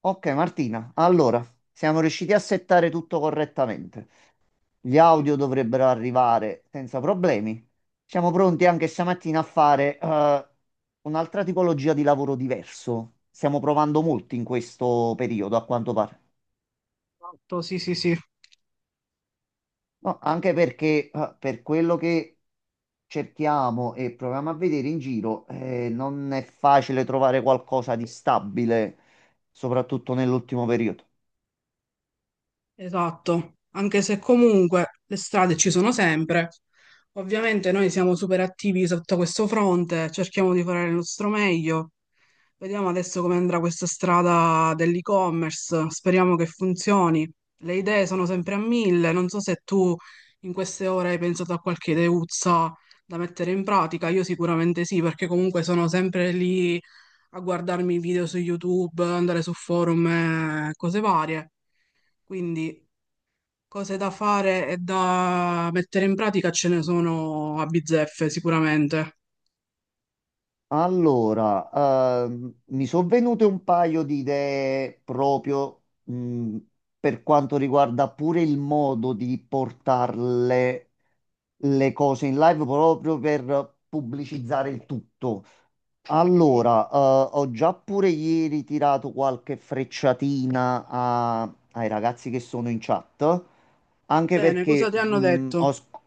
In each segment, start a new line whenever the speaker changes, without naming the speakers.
Ok Martina, allora siamo riusciti a settare tutto correttamente. Gli audio dovrebbero arrivare senza problemi. Siamo pronti anche stamattina a fare un'altra tipologia di lavoro diverso. Stiamo provando molti in questo periodo, a quanto pare.
Esatto, sì, sì, sì,
No, anche perché per quello che cerchiamo e proviamo a vedere in giro, non è facile trovare qualcosa di stabile, soprattutto nell'ultimo periodo.
esatto. Anche se comunque le strade ci sono sempre. Ovviamente noi siamo super attivi sotto questo fronte, cerchiamo di fare il nostro meglio. Vediamo adesso come andrà questa strada dell'e-commerce, speriamo che funzioni. Le idee sono sempre a mille, non so se tu in queste ore hai pensato a qualche ideuzza da mettere in pratica, io sicuramente sì, perché comunque sono sempre lì a guardarmi i video su YouTube, andare su forum e cose varie. Quindi cose da fare e da mettere in pratica ce ne sono a bizzeffe sicuramente.
Allora, mi sono venute un paio di idee proprio per quanto riguarda pure il modo di portarle le cose in live proprio per pubblicizzare il tutto.
Mhm.
Allora, ho già pure ieri tirato qualche frecciatina ai ragazzi che sono in chat,
Va
anche
bene, cosa
perché
ti hanno detto?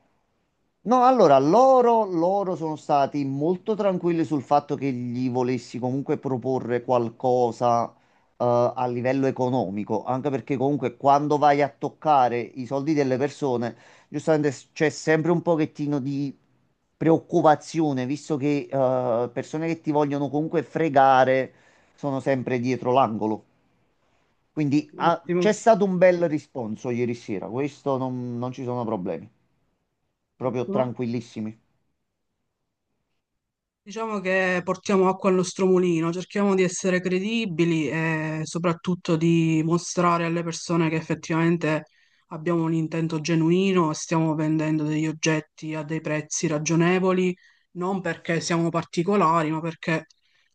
no, allora, loro sono stati molto tranquilli sul fatto che gli volessi comunque proporre qualcosa, a livello economico, anche perché comunque quando vai a toccare i soldi delle persone giustamente c'è sempre un pochettino di preoccupazione, visto che persone che ti vogliono comunque fregare sono sempre dietro l'angolo. Quindi c'è
Benissimo,
stato un bel risponso ieri sera, questo non ci sono problemi, proprio
ottimo.
tranquillissimi.
Diciamo che portiamo acqua al nostro mulino, cerchiamo di essere credibili e soprattutto di mostrare alle persone che effettivamente abbiamo un intento genuino e stiamo vendendo degli oggetti a dei prezzi ragionevoli, non perché siamo particolari, ma perché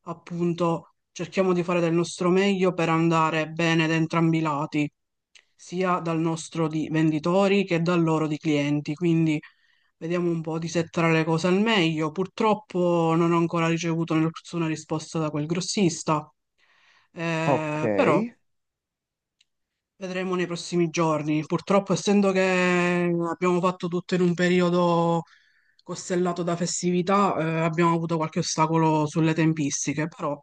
appunto cerchiamo di fare del nostro meglio per andare bene da entrambi i lati, sia dal nostro di venditori che dal loro di clienti. Quindi vediamo un po' di settare le cose al meglio. Purtroppo non ho ancora ricevuto nessuna risposta da quel grossista,
Ok,
però vedremo nei prossimi giorni. Purtroppo, essendo che abbiamo fatto tutto in un periodo costellato da festività, abbiamo avuto qualche ostacolo sulle tempistiche, però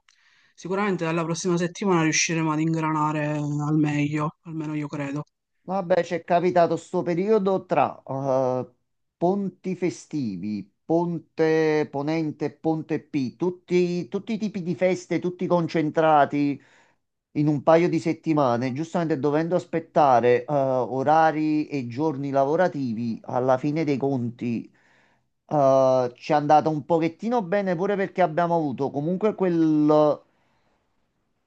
sicuramente dalla prossima settimana riusciremo ad ingranare al meglio, almeno io credo.
vabbè, c'è capitato sto periodo tra ponti festivi, Ponte Ponente, Ponte P, tutti i tipi di feste, tutti concentrati in un paio di settimane, giustamente dovendo aspettare orari e giorni lavorativi, alla fine dei conti ci è andata un pochettino bene pure perché abbiamo avuto comunque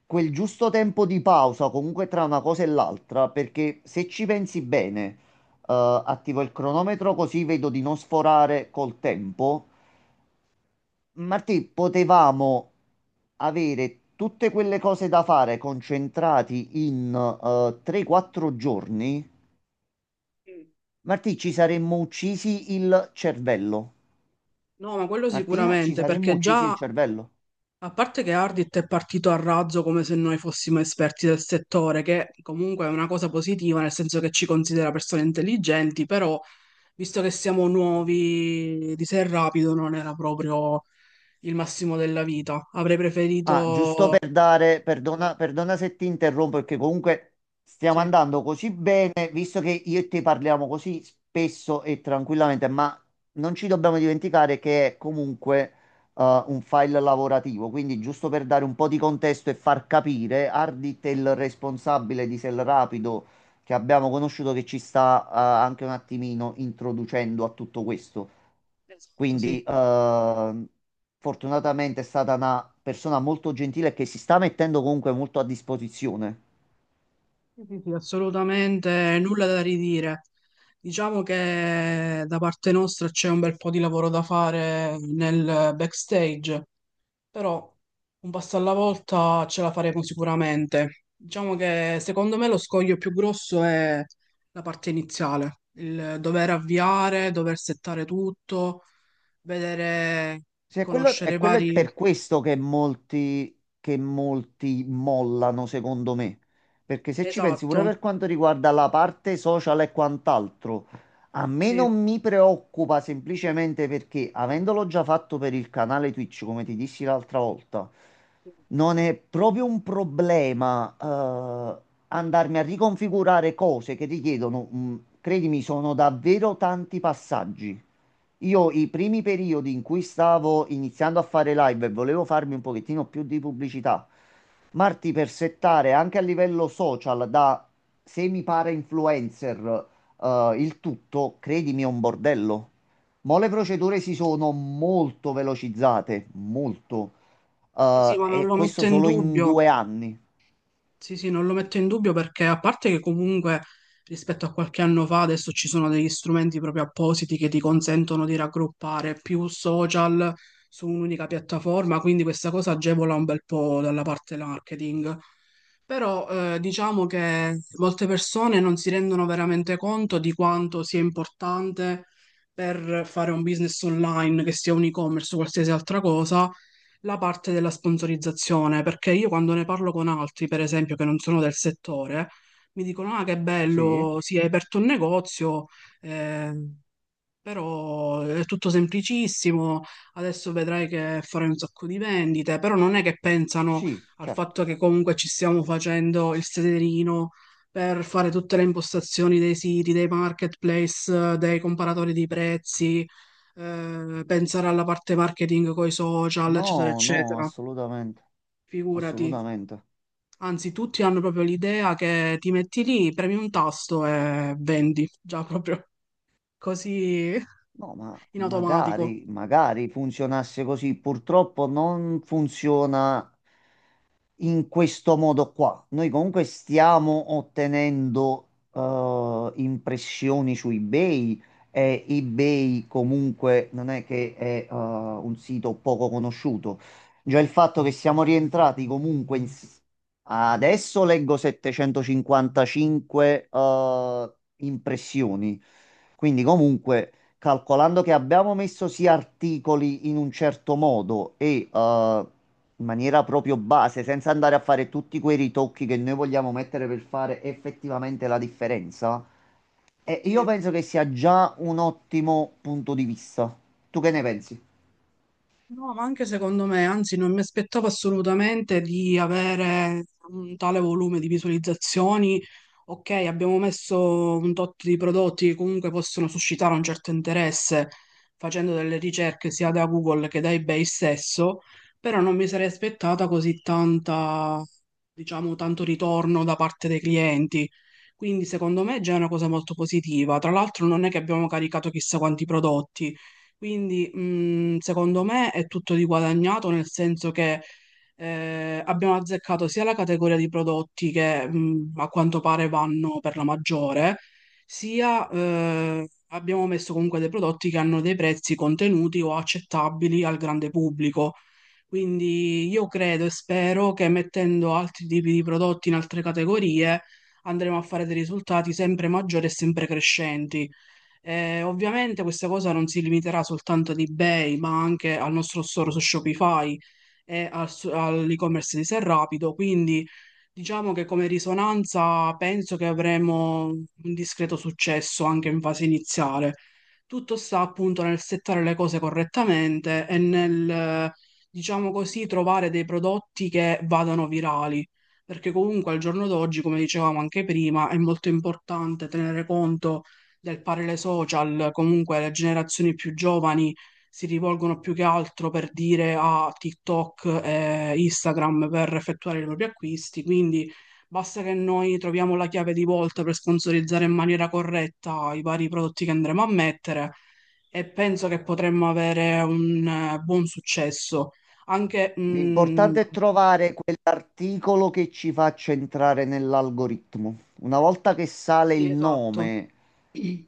quel giusto tempo di pausa, comunque tra una cosa e l'altra, perché se ci pensi bene, attivo il cronometro così vedo di non sforare col tempo. Martì, potevamo avere tutte quelle cose da fare concentrati in 3-4 giorni.
Mm.
Martì, ci saremmo uccisi il cervello.
No, ma quello
Martina, ci
sicuramente,
saremmo
perché
uccisi il
già
cervello.
a parte che Ardit è partito a razzo come se noi fossimo esperti del settore, che comunque è una cosa positiva, nel senso che ci considera persone intelligenti, però visto che siamo nuovi di Sé Rapido non era proprio il massimo della vita. Avrei
Ah, giusto
preferito...
per dare, perdona, perdona se ti interrompo, perché comunque stiamo
Sì,
andando così bene, visto che io e te parliamo così spesso e tranquillamente, ma non ci dobbiamo dimenticare che è comunque un file lavorativo, quindi giusto per dare un po' di contesto e far capire, Ardit è il responsabile di Selrapido che abbiamo conosciuto, che ci sta anche un attimino introducendo a tutto questo.
esatto, sì.
Quindi, fortunatamente è stata una persona molto gentile che si sta mettendo comunque molto a disposizione.
Sì, sì, sì, assolutamente nulla da ridire. Diciamo che da parte nostra c'è un bel po' di lavoro da fare nel backstage. Però un passo alla volta ce la faremo sicuramente. Diciamo che secondo me lo scoglio più grosso è la parte iniziale, il dover avviare, dover settare tutto, vedere,
Sì, è quello,
conoscere
è
i
quello, è
vari...
per questo che molti mollano, secondo me. Perché se ci pensi, pure
Esatto,
per quanto riguarda la parte social e quant'altro, a me
sì.
non mi preoccupa semplicemente perché, avendolo già fatto per il canale Twitch, come ti dissi l'altra volta, non è proprio un problema, andarmi a riconfigurare cose che richiedono, credimi, sono davvero tanti passaggi. Io i primi periodi in cui stavo iniziando a fare live e volevo farmi un pochettino più di pubblicità, Marti, per settare anche a livello social da semi para influencer il tutto, credimi, è un bordello. Mo' le procedure si sono molto velocizzate, molto.
Sì, sì, ma non
E
lo
questo
metto in
solo in
dubbio.
due anni.
Sì, sì, non lo metto in dubbio perché a parte che comunque rispetto a qualche anno fa adesso ci sono degli strumenti proprio appositi che ti consentono di raggruppare più social su un'unica piattaforma, quindi questa cosa agevola un bel po' dalla parte marketing. Però diciamo che molte persone non si rendono veramente conto di quanto sia importante per fare un business online, che sia un e-commerce o qualsiasi altra cosa, la parte della sponsorizzazione, perché io quando ne parlo con altri, per esempio, che non sono del settore, mi dicono: "Ah, che
Sì,
bello, si è aperto un negozio, eh, però è tutto semplicissimo, adesso vedrai che farai un sacco di vendite", però non è che pensano
sì,
al
certo.
fatto che comunque ci stiamo facendo il sederino per fare tutte le impostazioni dei siti, dei marketplace, dei comparatori di prezzi, pensare alla parte marketing con i social, eccetera,
No, no,
eccetera.
assolutamente,
Figurati,
assolutamente.
anzi tutti hanno proprio l'idea che ti metti lì, premi un tasto e vendi, già proprio così
No, ma
in automatico.
magari, magari funzionasse così. Purtroppo non funziona in questo modo qua. Noi comunque stiamo ottenendo impressioni su eBay e eBay comunque non è che è un sito poco conosciuto. Già il fatto che siamo rientrati comunque in... Adesso leggo 755 impressioni. Quindi comunque, calcolando che abbiamo messo sì articoli in un certo modo e in maniera proprio base, senza andare a fare tutti quei ritocchi che noi vogliamo mettere per fare effettivamente la differenza, io
Sì.
penso che sia già un ottimo punto di vista. Tu che ne pensi?
No, ma anche secondo me, anzi, non mi aspettavo assolutamente di avere un tale volume di visualizzazioni. Ok, abbiamo messo un tot di prodotti che comunque possono suscitare un certo interesse facendo delle ricerche sia da Google che da eBay stesso, però non mi sarei aspettata così tanta, diciamo, tanto ritorno da parte dei clienti. Quindi secondo me è già una cosa molto positiva. Tra l'altro non è che abbiamo caricato chissà quanti prodotti. Quindi, secondo me è tutto riguadagnato, nel senso che abbiamo azzeccato sia la categoria di prodotti che a quanto pare vanno per la maggiore, sia abbiamo messo comunque dei prodotti che hanno dei prezzi contenuti o accettabili al grande pubblico. Quindi io credo e spero che mettendo altri tipi di prodotti in altre categorie andremo a fare dei risultati sempre maggiori e sempre crescenti. Ovviamente questa cosa non si limiterà soltanto ad eBay, ma anche al nostro store su Shopify e al all'e-commerce di Serrapido, quindi diciamo che come risonanza penso che avremo un discreto successo anche in fase iniziale. Tutto sta appunto nel settare le cose correttamente e nel, diciamo così, trovare dei prodotti che vadano virali. Perché comunque al giorno d'oggi, come dicevamo anche prima, è molto importante tenere conto del parere social, comunque le generazioni più giovani si rivolgono più che altro per dire a TikTok e Instagram per effettuare i propri acquisti, quindi basta che noi troviamo la chiave di volta per sponsorizzare in maniera corretta i vari prodotti che andremo a mettere e penso che potremmo avere un buon successo. Anche, mm,
L'importante è trovare quell'articolo che ci faccia entrare nell'algoritmo. Una volta che sale
sì,
il
esatto,
nome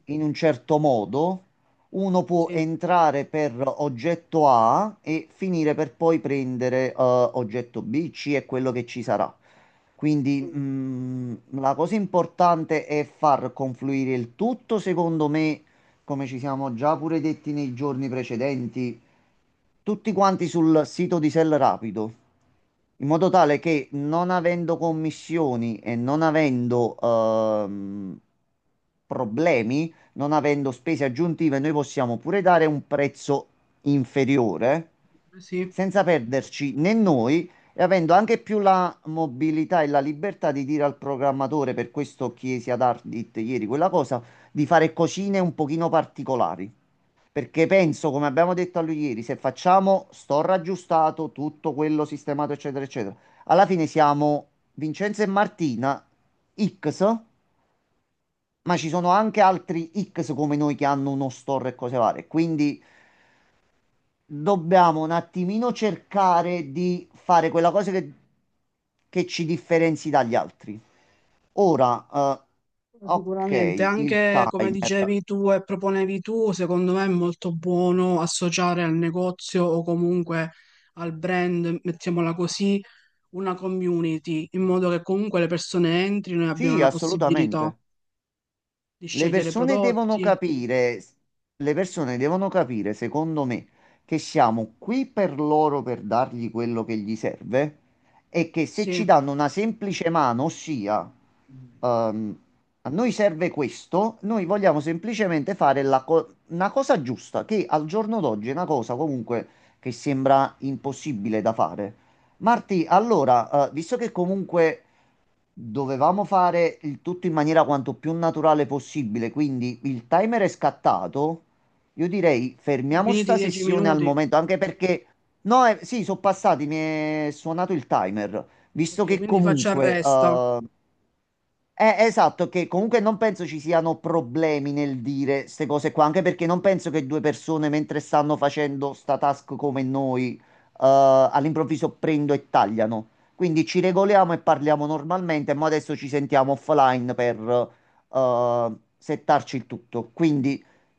in un certo modo, uno può
sì,
entrare per oggetto A e finire per poi prendere oggetto B, C, è quello che ci sarà. Quindi
mm,
la cosa importante è far confluire il tutto, secondo me, come ci siamo già pure detti nei giorni precedenti, tutti quanti sul sito di Sell Rapido, in modo tale che, non avendo commissioni e non avendo problemi, non avendo spese aggiuntive, noi possiamo pure dare un prezzo inferiore
sì.
senza perderci né noi, e avendo anche più la mobilità e la libertà di dire al programmatore, per questo chiesi ad Ardit ieri quella cosa, di fare cosine un pochino particolari. Perché penso, come abbiamo detto a lui ieri, se facciamo sto raggiustato, tutto quello sistemato, eccetera, eccetera, alla fine siamo Vincenzo e Martina X, ma ci sono anche altri X come noi che hanno uno store e cose varie. Quindi dobbiamo un attimino cercare di fare quella cosa che ci differenzi dagli altri. Ora, ok,
Sicuramente,
il
anche come
timer.
dicevi tu e proponevi tu, secondo me è molto buono associare al negozio o comunque al brand, mettiamola così, una community, in modo che comunque le persone entrino e abbiano
Sì,
la possibilità
assolutamente.
di
Le
scegliere
persone devono
prodotti.
capire, le persone devono capire, secondo me, che siamo qui per loro per dargli quello che gli serve e che se
Sì, ho
ci danno una semplice mano, ossia, ehm, a noi serve questo, noi vogliamo semplicemente fare una cosa giusta, che al giorno d'oggi è una cosa comunque che sembra impossibile da fare. Marti, allora, visto che comunque dovevamo fare il tutto in maniera quanto più naturale possibile, quindi il timer è scattato. Io direi fermiamo
finito i
sta
dieci
sessione al
minuti.
momento, anche perché no, sì, sono passati, mi è suonato il timer, visto
Ok,
che
quindi faccio
comunque
arresta.
esatto, che comunque non penso ci siano problemi nel dire queste cose qua, anche perché non penso che due persone mentre stanno facendo sta task come noi, all'improvviso prendo e tagliano. Quindi ci regoliamo e parliamo normalmente, ma adesso ci sentiamo offline per, eh, settarci il tutto. Quindi